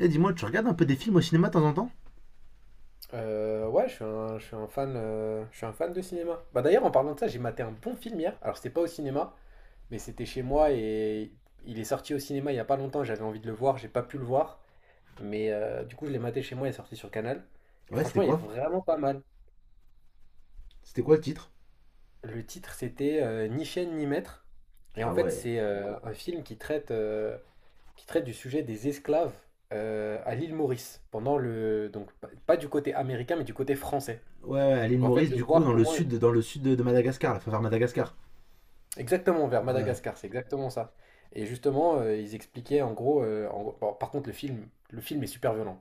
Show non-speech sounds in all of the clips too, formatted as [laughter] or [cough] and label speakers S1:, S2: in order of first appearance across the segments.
S1: Eh, dis-moi, tu regardes un peu des films au cinéma de temps en temps?
S2: Ouais, je suis un fan, je suis un fan de cinéma. Bah d'ailleurs, en parlant de ça, j'ai maté un bon film hier. Alors c'était pas au cinéma, mais c'était chez moi et il est sorti au cinéma il y a pas longtemps. J'avais envie de le voir, j'ai pas pu le voir, mais du coup je l'ai maté chez moi. Il est sorti sur Canal et
S1: Ouais, c'était
S2: franchement, il est
S1: quoi?
S2: vraiment pas mal.
S1: C'était quoi le titre?
S2: Le titre c'était Ni chaîne ni maître, et en
S1: Ah
S2: fait
S1: ouais.
S2: c'est un film qui traite qui traite du sujet des esclaves à l'île Maurice pendant le donc pas du côté américain mais du côté français.
S1: Ouais, ouais, à l'île
S2: Donc en fait
S1: Maurice,
S2: de
S1: du coup,
S2: voir comment
S1: dans le sud de Madagascar, la vers Madagascar.
S2: exactement, vers
S1: Ouais,
S2: Madagascar, c'est exactement ça. Et justement, ils expliquaient en gros, bon, par contre, le film est super violent.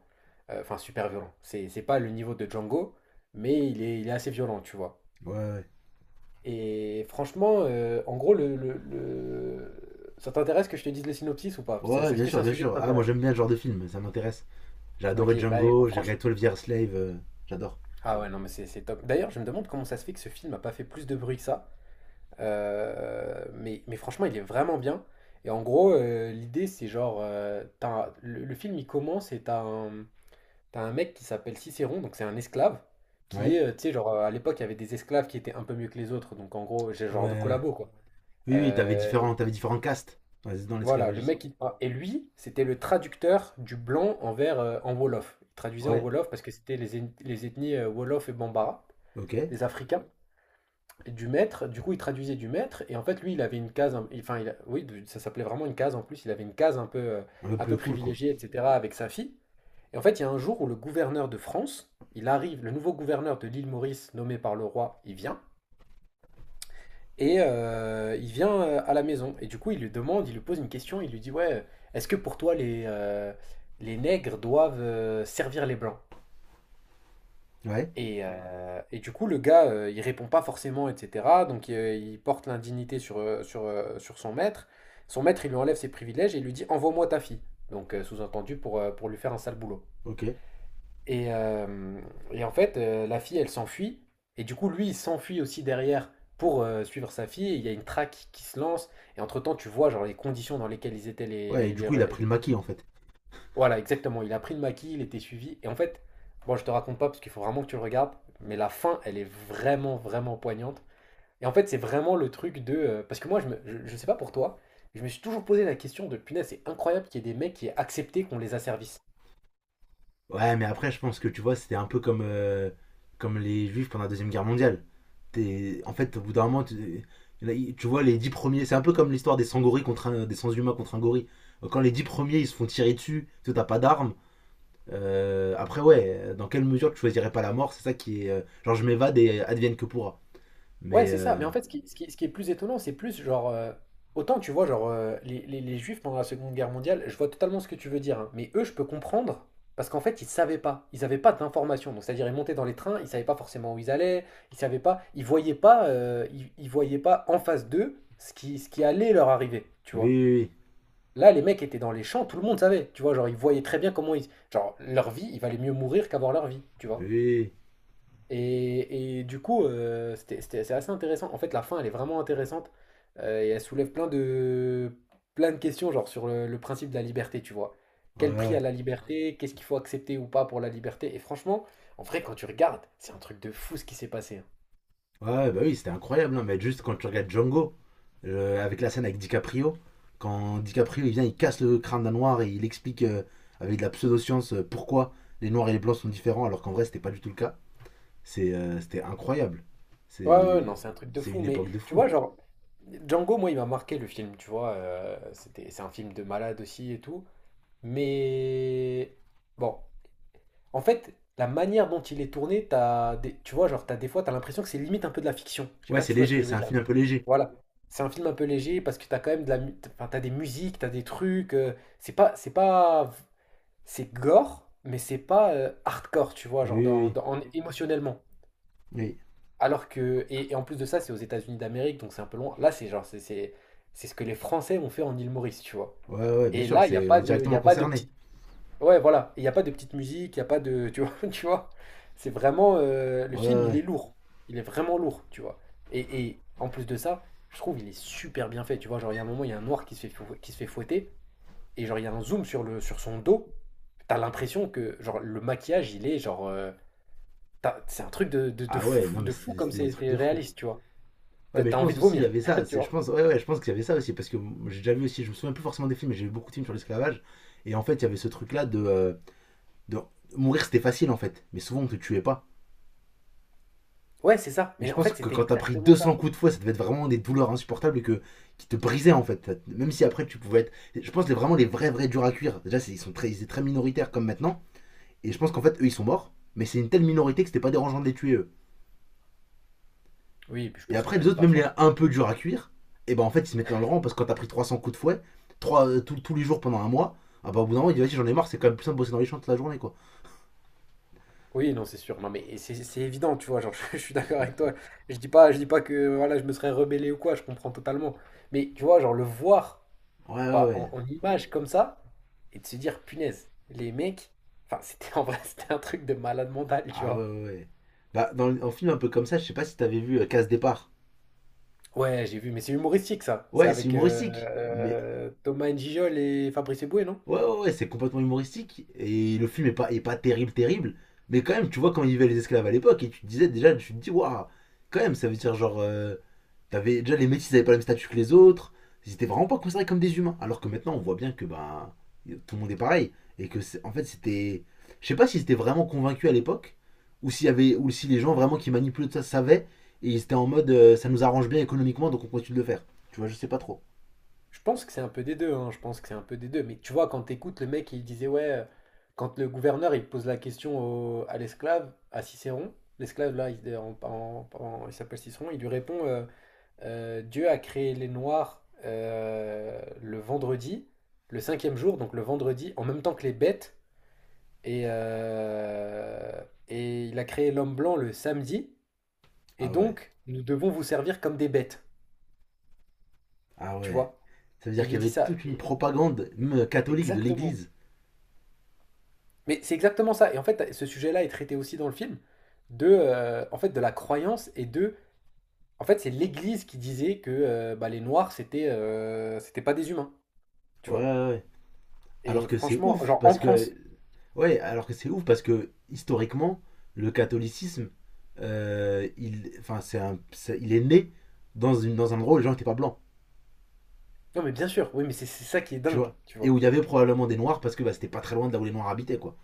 S2: Enfin, super violent. C'est pas le niveau de Django, mais il est assez violent, tu vois.
S1: ouais, ouais.
S2: Et franchement, en gros, ça t'intéresse que je te dise le synopsis ou pas?
S1: Ouais,
S2: Est-ce
S1: bien
S2: que c'est
S1: sûr,
S2: un
S1: bien
S2: sujet qui
S1: sûr. Ah, moi
S2: t'intéresse?
S1: j'aime bien ce genre de film, ça m'intéresse. J'ai adoré
S2: Ok, bah
S1: Django, j'ai
S2: franchement.
S1: regardé 12 Years Slave, j'adore.
S2: Ah ouais, non, mais c'est top. D'ailleurs, je me demande comment ça se fait que ce film n'a pas fait plus de bruit que ça. Mais franchement, il est vraiment bien. Et en gros, l'idée, c'est genre, le film, il commence et t'as un mec qui s'appelle Cicéron, donc c'est un esclave, qui
S1: Ouais.
S2: est, tu sais, genre, à l'époque, il y avait des esclaves qui étaient un peu mieux que les autres, donc en gros, j'ai
S1: Ouais,
S2: genre de
S1: ouais.
S2: collabo, quoi.
S1: Oui, oui, t'avais
S2: Euh,
S1: différents, t'avais différents castes dans dans
S2: voilà, le
S1: l'esclavagisme.
S2: mec, il... ah, et lui, c'était le traducteur du blanc envers, en Wolof. Il traduisait en
S1: Ouais,
S2: Wolof parce que c'était les ethnies Wolof et Bambara,
S1: ok.
S2: les Africains. Du maître, du coup, il traduisait du maître, et en fait, lui, il avait une case, enfin, il oui, ça s'appelait vraiment une case en plus, il avait une case
S1: Un peu
S2: un
S1: plus
S2: peu
S1: cool, quoi.
S2: privilégiée, etc., avec sa fille. Et en fait, il y a un jour où le gouverneur de France, il arrive, le nouveau gouverneur de l'île Maurice, nommé par le roi, il vient, et il vient à la maison. Et du coup, il lui pose une question, il lui dit, ouais, est-ce que pour toi, les nègres doivent servir les blancs?
S1: Ouais,
S2: Et du coup, le gars, il répond pas forcément, etc. Donc, il porte l'indignité sur, sur son maître. Son maître, il lui enlève ses privilèges et il lui dit envoie-moi ta fille. Donc, sous-entendu, pour lui faire un sale boulot.
S1: ok.
S2: Et, euh, et en fait, la fille, elle s'enfuit. Et du coup, lui, il s'enfuit aussi derrière pour suivre sa fille. Et il y a une traque qui se lance. Et entre-temps, tu vois genre, les conditions dans lesquelles ils étaient
S1: Ouais, et du coup, il a pris le maquis, en fait.
S2: voilà, exactement. Il a pris le maquis, il était suivi. Et en fait, bon, je te raconte pas parce qu'il faut vraiment que tu le regardes, mais la fin, elle est vraiment, vraiment poignante. Et en fait, c'est vraiment le truc de parce que moi, je sais pas pour toi, je me suis toujours posé la question de punaise, c'est incroyable qu'il y ait des mecs qui aient accepté qu'on les asservisse.
S1: Ouais, mais après, je pense que tu vois, c'était un peu comme, comme les Juifs pendant la Deuxième Guerre mondiale. En fait, au bout d'un moment, tu, il y en a- tu vois, les dix premiers, c'est un peu comme l'histoire des sangoris contre des sans-humains contre un gorille. Quand les dix premiers, ils se font tirer dessus, toi, t'as pas d'armes. Après, ouais, dans quelle mesure tu choisirais pas la mort, c'est ça qui est. Genre, je m'évade et advienne que pourra.
S2: Ouais,
S1: Mais,
S2: c'est ça. Mais en fait, ce qui est plus étonnant, c'est plus genre autant tu vois, genre, les Juifs pendant la Seconde Guerre mondiale, je vois totalement ce que tu veux dire, hein. Mais eux, je peux comprendre parce qu'en fait, ils savaient pas. Ils avaient pas d'informations. Donc, c'est-à-dire, ils montaient dans les trains, ils savaient pas forcément où ils allaient, ils savaient pas, ils voyaient pas, ils voyaient pas en face d'eux ce qui allait leur arriver, tu
S1: oui,
S2: vois.
S1: oui,
S2: Là, les mecs étaient dans les champs, tout le monde savait, tu vois. Genre, ils voyaient très bien comment ils. Genre, leur vie, il valait mieux mourir qu'avoir leur vie, tu
S1: oui,
S2: vois.
S1: oui,
S2: Et du coup, c'est assez intéressant. En fait, la fin, elle est vraiment intéressante. Et elle soulève plein de questions, genre sur le principe de la liberté, tu vois.
S1: ouais,
S2: Quel prix
S1: ouais.
S2: à la liberté? Qu'est-ce qu'il faut accepter ou pas pour la liberté? Et franchement, en vrai, quand tu regardes, c'est un truc de fou ce qui s'est passé, hein.
S1: Ouais, bah oui, c'était incroyable, hein, mais juste quand tu regardes Django, avec la scène avec DiCaprio, quand DiCaprio il vient, il casse le crâne d'un noir et il explique avec de la pseudo-science pourquoi les noirs et les blancs sont différents, alors qu'en vrai c'était pas du tout le cas. C'était incroyable.
S2: Ouais, ouais,
S1: C'est,
S2: non, c'est un truc de
S1: c'est
S2: fou,
S1: une
S2: mais
S1: époque de
S2: tu
S1: fou.
S2: vois, genre, Django, moi, il m'a marqué le film, tu vois, c'est un film de malade aussi et tout, mais bon, en fait, la manière dont il est tourné, tu vois, genre, t'as des fois, t'as l'impression que c'est limite un peu de la fiction, je sais
S1: Ouais,
S2: pas si
S1: c'est
S2: tu vois ce que
S1: léger,
S2: je
S1: c'est
S2: veux
S1: un
S2: dire,
S1: film un peu léger.
S2: voilà, c'est un film un peu léger parce que t'as quand même enfin, t'as des musiques, t'as des trucs, c'est pas, c'est pas, c'est gore, mais c'est pas hardcore, tu vois,
S1: Oui,
S2: genre,
S1: oui, oui.
S2: émotionnellement.
S1: Oui.
S2: Alors que et en plus de ça, c'est aux États-Unis d'Amérique, donc c'est un peu loin. Là, c'est c'est ce que les Français ont fait en île Maurice, tu vois?
S1: Ouais, ouais, bien
S2: Et
S1: sûr,
S2: là,
S1: c'est, on est
S2: il y
S1: directement
S2: a pas de
S1: concerné.
S2: petite, ouais, voilà, il y a pas de petite musique, il y a pas de, tu vois, [laughs] tu vois, c'est vraiment le
S1: Ouais, ouais,
S2: film, il
S1: ouais.
S2: est lourd, il est vraiment lourd, tu vois. Et en plus de ça, je trouve il est super bien fait, tu vois. Genre il y a un moment, il y a un noir qui se fait fouetter et genre il y a un zoom sur le sur son dos, t'as l'impression que genre le maquillage, il est genre, c'est un truc
S1: Ah ouais, non mais
S2: de fou comme
S1: c'est des
S2: c'est
S1: trucs
S2: c'est
S1: de fou.
S2: réaliste, tu vois,
S1: Ouais,
S2: t'as
S1: mais je
S2: t'as envie
S1: pense
S2: de
S1: aussi, il y
S2: vomir,
S1: avait ça.
S2: [laughs] tu
S1: C'est, je
S2: vois.
S1: pense, ouais, ouais, je pense qu'il y avait ça aussi. Parce que j'ai déjà vu aussi, je me souviens plus forcément des films, mais j'ai vu beaucoup de films sur l'esclavage. Et en fait, il y avait ce truc-là de, de. Mourir, c'était facile en fait. Mais souvent, on te tuait pas.
S2: Ouais, c'est ça.
S1: Et je
S2: Mais en
S1: pense
S2: fait,
S1: que
S2: c'était
S1: quand t'as pris
S2: exactement ça.
S1: 200 coups de fouet, ça devait être vraiment des douleurs insupportables et que, qui te brisaient en fait. Même si après tu pouvais être. Je pense que vraiment les vrais, vrais durs à cuire. Déjà, ils sont très, ils étaient très minoritaires comme maintenant. Et je pense qu'en fait, eux, ils sont morts. Mais c'est une telle minorité que c'était pas dérangeant de les tuer eux.
S2: Oui, et puis je
S1: Et
S2: pense que
S1: après, les
S2: t'avais
S1: autres,
S2: pas le
S1: même les
S2: choix.
S1: un peu durs à cuire, et ben en fait, ils se mettaient dans le rang parce que quand t'as pris 300 coups de fouet, trois tous les jours pendant un mois, ah bah au bout d'un moment, il dit vas-y, j'en ai marre, c'est quand même plus simple de bosser dans les champs toute la journée, quoi.
S2: Oui, non, c'est sûr. Non, mais c'est évident, tu vois. Genre, [laughs] suis d'accord avec toi. Je dis pas que voilà, je me serais rebellé ou quoi. Je comprends totalement. Mais tu vois, genre le voir
S1: Ouais, ouais,
S2: pas
S1: ouais.
S2: en image comme ça et de se dire, punaise, les mecs. Enfin, [laughs] c'était en vrai, [laughs] c'était un truc de malade mental, tu
S1: Ah ouais,
S2: vois.
S1: ouais, ouais. Bah, dans un film un peu comme ça, je sais pas si t'avais vu Casse Départ.
S2: Ouais, j'ai vu, mais c'est humoristique ça. C'est
S1: Ouais, c'est
S2: avec
S1: humoristique, mais.
S2: Thomas N'Gijol et Fabrice Eboué, non?
S1: Ouais, ouais, ouais, c'est complètement humoristique. Et le film est pas terrible, terrible. Mais quand même, tu vois quand ils vivaient les esclaves à l'époque, et tu te disais déjà, tu te dis, waouh, quand même, ça veut dire genre. T'avais déjà les métis, ils avaient pas le même statut que les autres. Ils étaient vraiment pas considérés comme des humains. Alors que maintenant, on voit bien que bah tout le monde est pareil et que en fait c'était, je sais pas si c'était vraiment convaincu à l'époque ou s'il y avait ou si les gens vraiment qui manipulaient tout ça savaient et ils étaient en mode ça nous arrange bien économiquement donc on continue de le faire. Tu vois, je sais pas trop.
S2: Je pense que c'est un peu des deux, hein, je pense que c'est un peu des deux. Mais tu vois, quand t'écoutes le mec, il disait, ouais, quand le gouverneur, il pose la question à l'esclave, à Cicéron, l'esclave, là, il, en- en- en- il s'appelle Cicéron, il lui répond, Dieu a créé les Noirs le vendredi, le cinquième jour, donc le vendredi, en même temps que les bêtes, et, euh, et il a créé l'homme blanc le samedi, et
S1: Ah ouais,
S2: donc nous devons vous servir comme des bêtes,
S1: ah
S2: tu
S1: ouais.
S2: vois.
S1: Ça veut
S2: Et
S1: dire
S2: il lui
S1: qu'il y
S2: dit
S1: avait
S2: ça.
S1: toute une propagande même catholique de
S2: Exactement.
S1: l'Église.
S2: Mais c'est exactement ça. Et en fait, ce sujet-là est traité aussi dans le film de, en fait, de la croyance et de, en fait, c'est l'Église qui disait que bah, les Noirs c'était, c'était pas des humains, tu
S1: Ouais,
S2: vois.
S1: ouais, ouais. Alors
S2: Et
S1: que c'est
S2: franchement,
S1: ouf
S2: genre en
S1: parce que
S2: France.
S1: ouais, alors que c'est ouf parce que historiquement, le catholicisme, il, enfin, il est né dans, une, dans un endroit où les gens n'étaient pas blancs,
S2: Non, mais bien sûr. Oui, mais c'est ça qui est
S1: tu
S2: dingue,
S1: vois.
S2: tu
S1: Et
S2: vois.
S1: où il y avait probablement des noirs parce que bah, c'était pas très loin de là où les noirs habitaient, quoi.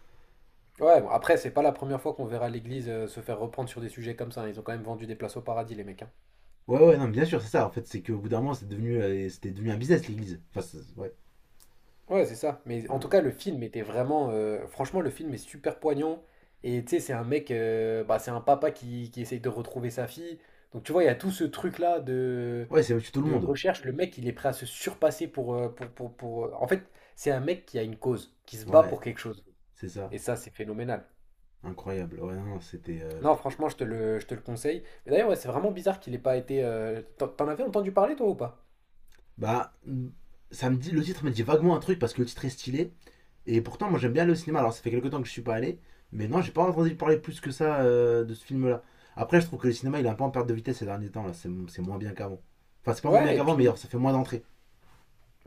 S2: Ouais. Bon, après, c'est pas la première fois qu'on verra l'Église se faire reprendre sur des sujets comme ça, hein. Ils ont quand même vendu des places au paradis, les mecs, hein.
S1: Ouais, ouais, non, mais bien sûr, c'est ça. En fait, c'est qu'au bout d'un moment, c'est devenu, c'était devenu un business, l'église. Enfin, ouais.
S2: Ouais, c'est ça. Mais en tout
S1: Ouais,
S2: cas, le film était vraiment franchement, le film est super poignant. Et tu sais, c'est un mec bah, c'est un papa qui essaye de retrouver sa fille. Donc, tu vois, il y a tout ce truc-là
S1: ouais, c'est au-dessus de tout le
S2: de
S1: monde.
S2: recherche. Le mec, il est prêt à se surpasser pour, en fait, c'est un mec qui a une cause, qui se bat
S1: Ouais,
S2: pour quelque chose.
S1: c'est ça.
S2: Et ça, c'est phénoménal.
S1: Incroyable. Ouais, non, non, c'était.
S2: Non, franchement, je te le conseille. Mais d'ailleurs, ouais, c'est vraiment bizarre qu'il ait pas été t'en avais entendu parler, toi, ou pas?
S1: Bah, ça me dit, le titre me dit vaguement un truc parce que le titre est stylé. Et pourtant, moi j'aime bien aller au cinéma. Alors ça fait quelques temps que je suis pas allé, mais non, j'ai pas entendu parler plus que ça de ce film-là. Après, je trouve que le cinéma il est un peu en perte de vitesse ces derniers temps là. C'est moins bien qu'avant. Enfin, c'est pas moins bien
S2: Ouais, et
S1: qu'avant, mais
S2: puis
S1: alors, ça fait moins d'entrées.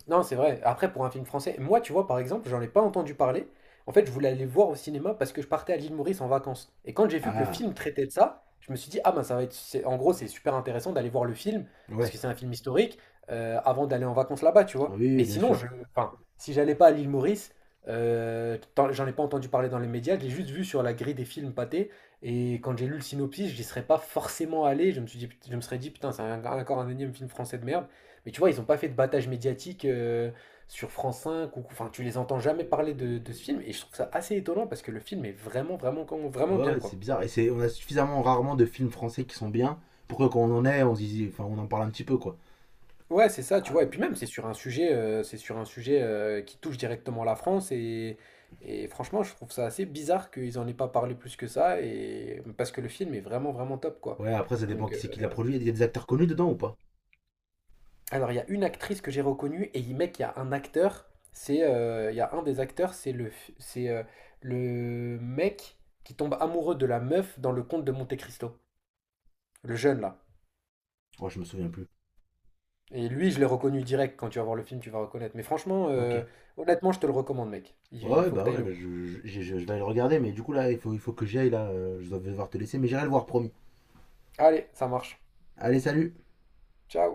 S2: non, c'est vrai. Après, pour un film français, moi, tu vois, par exemple, j'en ai pas entendu parler. En fait, je voulais aller le voir au cinéma parce que je partais à l'île Maurice en vacances. Et quand j'ai vu que le
S1: Ah,
S2: film traitait de ça, je me suis dit, ah ben, ça va être en gros, c'est super intéressant d'aller voir le film, parce
S1: ouais.
S2: que c'est un film historique, avant d'aller en vacances là-bas, tu vois.
S1: Oui, oui,
S2: Mais
S1: bien
S2: sinon,
S1: sûr.
S2: je... enfin, si j'allais pas à l'île Maurice, j'en ai pas entendu parler dans les médias, je l'ai juste vu sur la grille des films pâtés. Et quand j'ai lu le synopsis, j'y serais pas forcément allé. Je me suis dit, je me serais dit, putain, encore un énième film français de merde. Mais tu vois, ils n'ont pas fait de battage médiatique sur France cinq. Ou, enfin, tu les entends jamais parler de ce film. Et je trouve ça assez étonnant parce que le film est vraiment
S1: Ouais,
S2: bien,
S1: ouais, c'est
S2: quoi.
S1: bizarre. Et c'est, on a suffisamment rarement de films français qui sont bien pour que quand on en est, on se dise, enfin, on en parle un petit peu quoi.
S2: Ouais, c'est ça, tu
S1: Ah,
S2: vois. Et puis même, c'est sur un sujet qui touche directement la France. Et franchement, je trouve ça assez bizarre qu'ils en aient pas parlé plus que ça. Et parce que le film est vraiment, vraiment top, quoi.
S1: ouais, après ça dépend
S2: Donc,
S1: qui c'est qui l'a produit. Il y a des acteurs connus dedans ou pas?
S2: alors, il y a une actrice que j'ai reconnue et mec, il y a un acteur. C'est, il y a un des acteurs, c'est c'est le mec qui tombe amoureux de la meuf dans le conte de Monte Cristo, le jeune là.
S1: Oh, je me souviens plus.
S2: Et lui, je l'ai reconnu direct. Quand tu vas voir le film, tu vas reconnaître. Mais franchement,
S1: Ok.
S2: honnêtement, je te le recommande, mec. Il faut que tu ailles
S1: Ouais,
S2: le
S1: bah,
S2: voir.
S1: je vais aller le regarder, mais du coup là, il faut que j'y aille là. Je dois devoir te laisser, mais j'irai le voir promis.
S2: Allez, ça marche.
S1: Allez, salut.
S2: Ciao.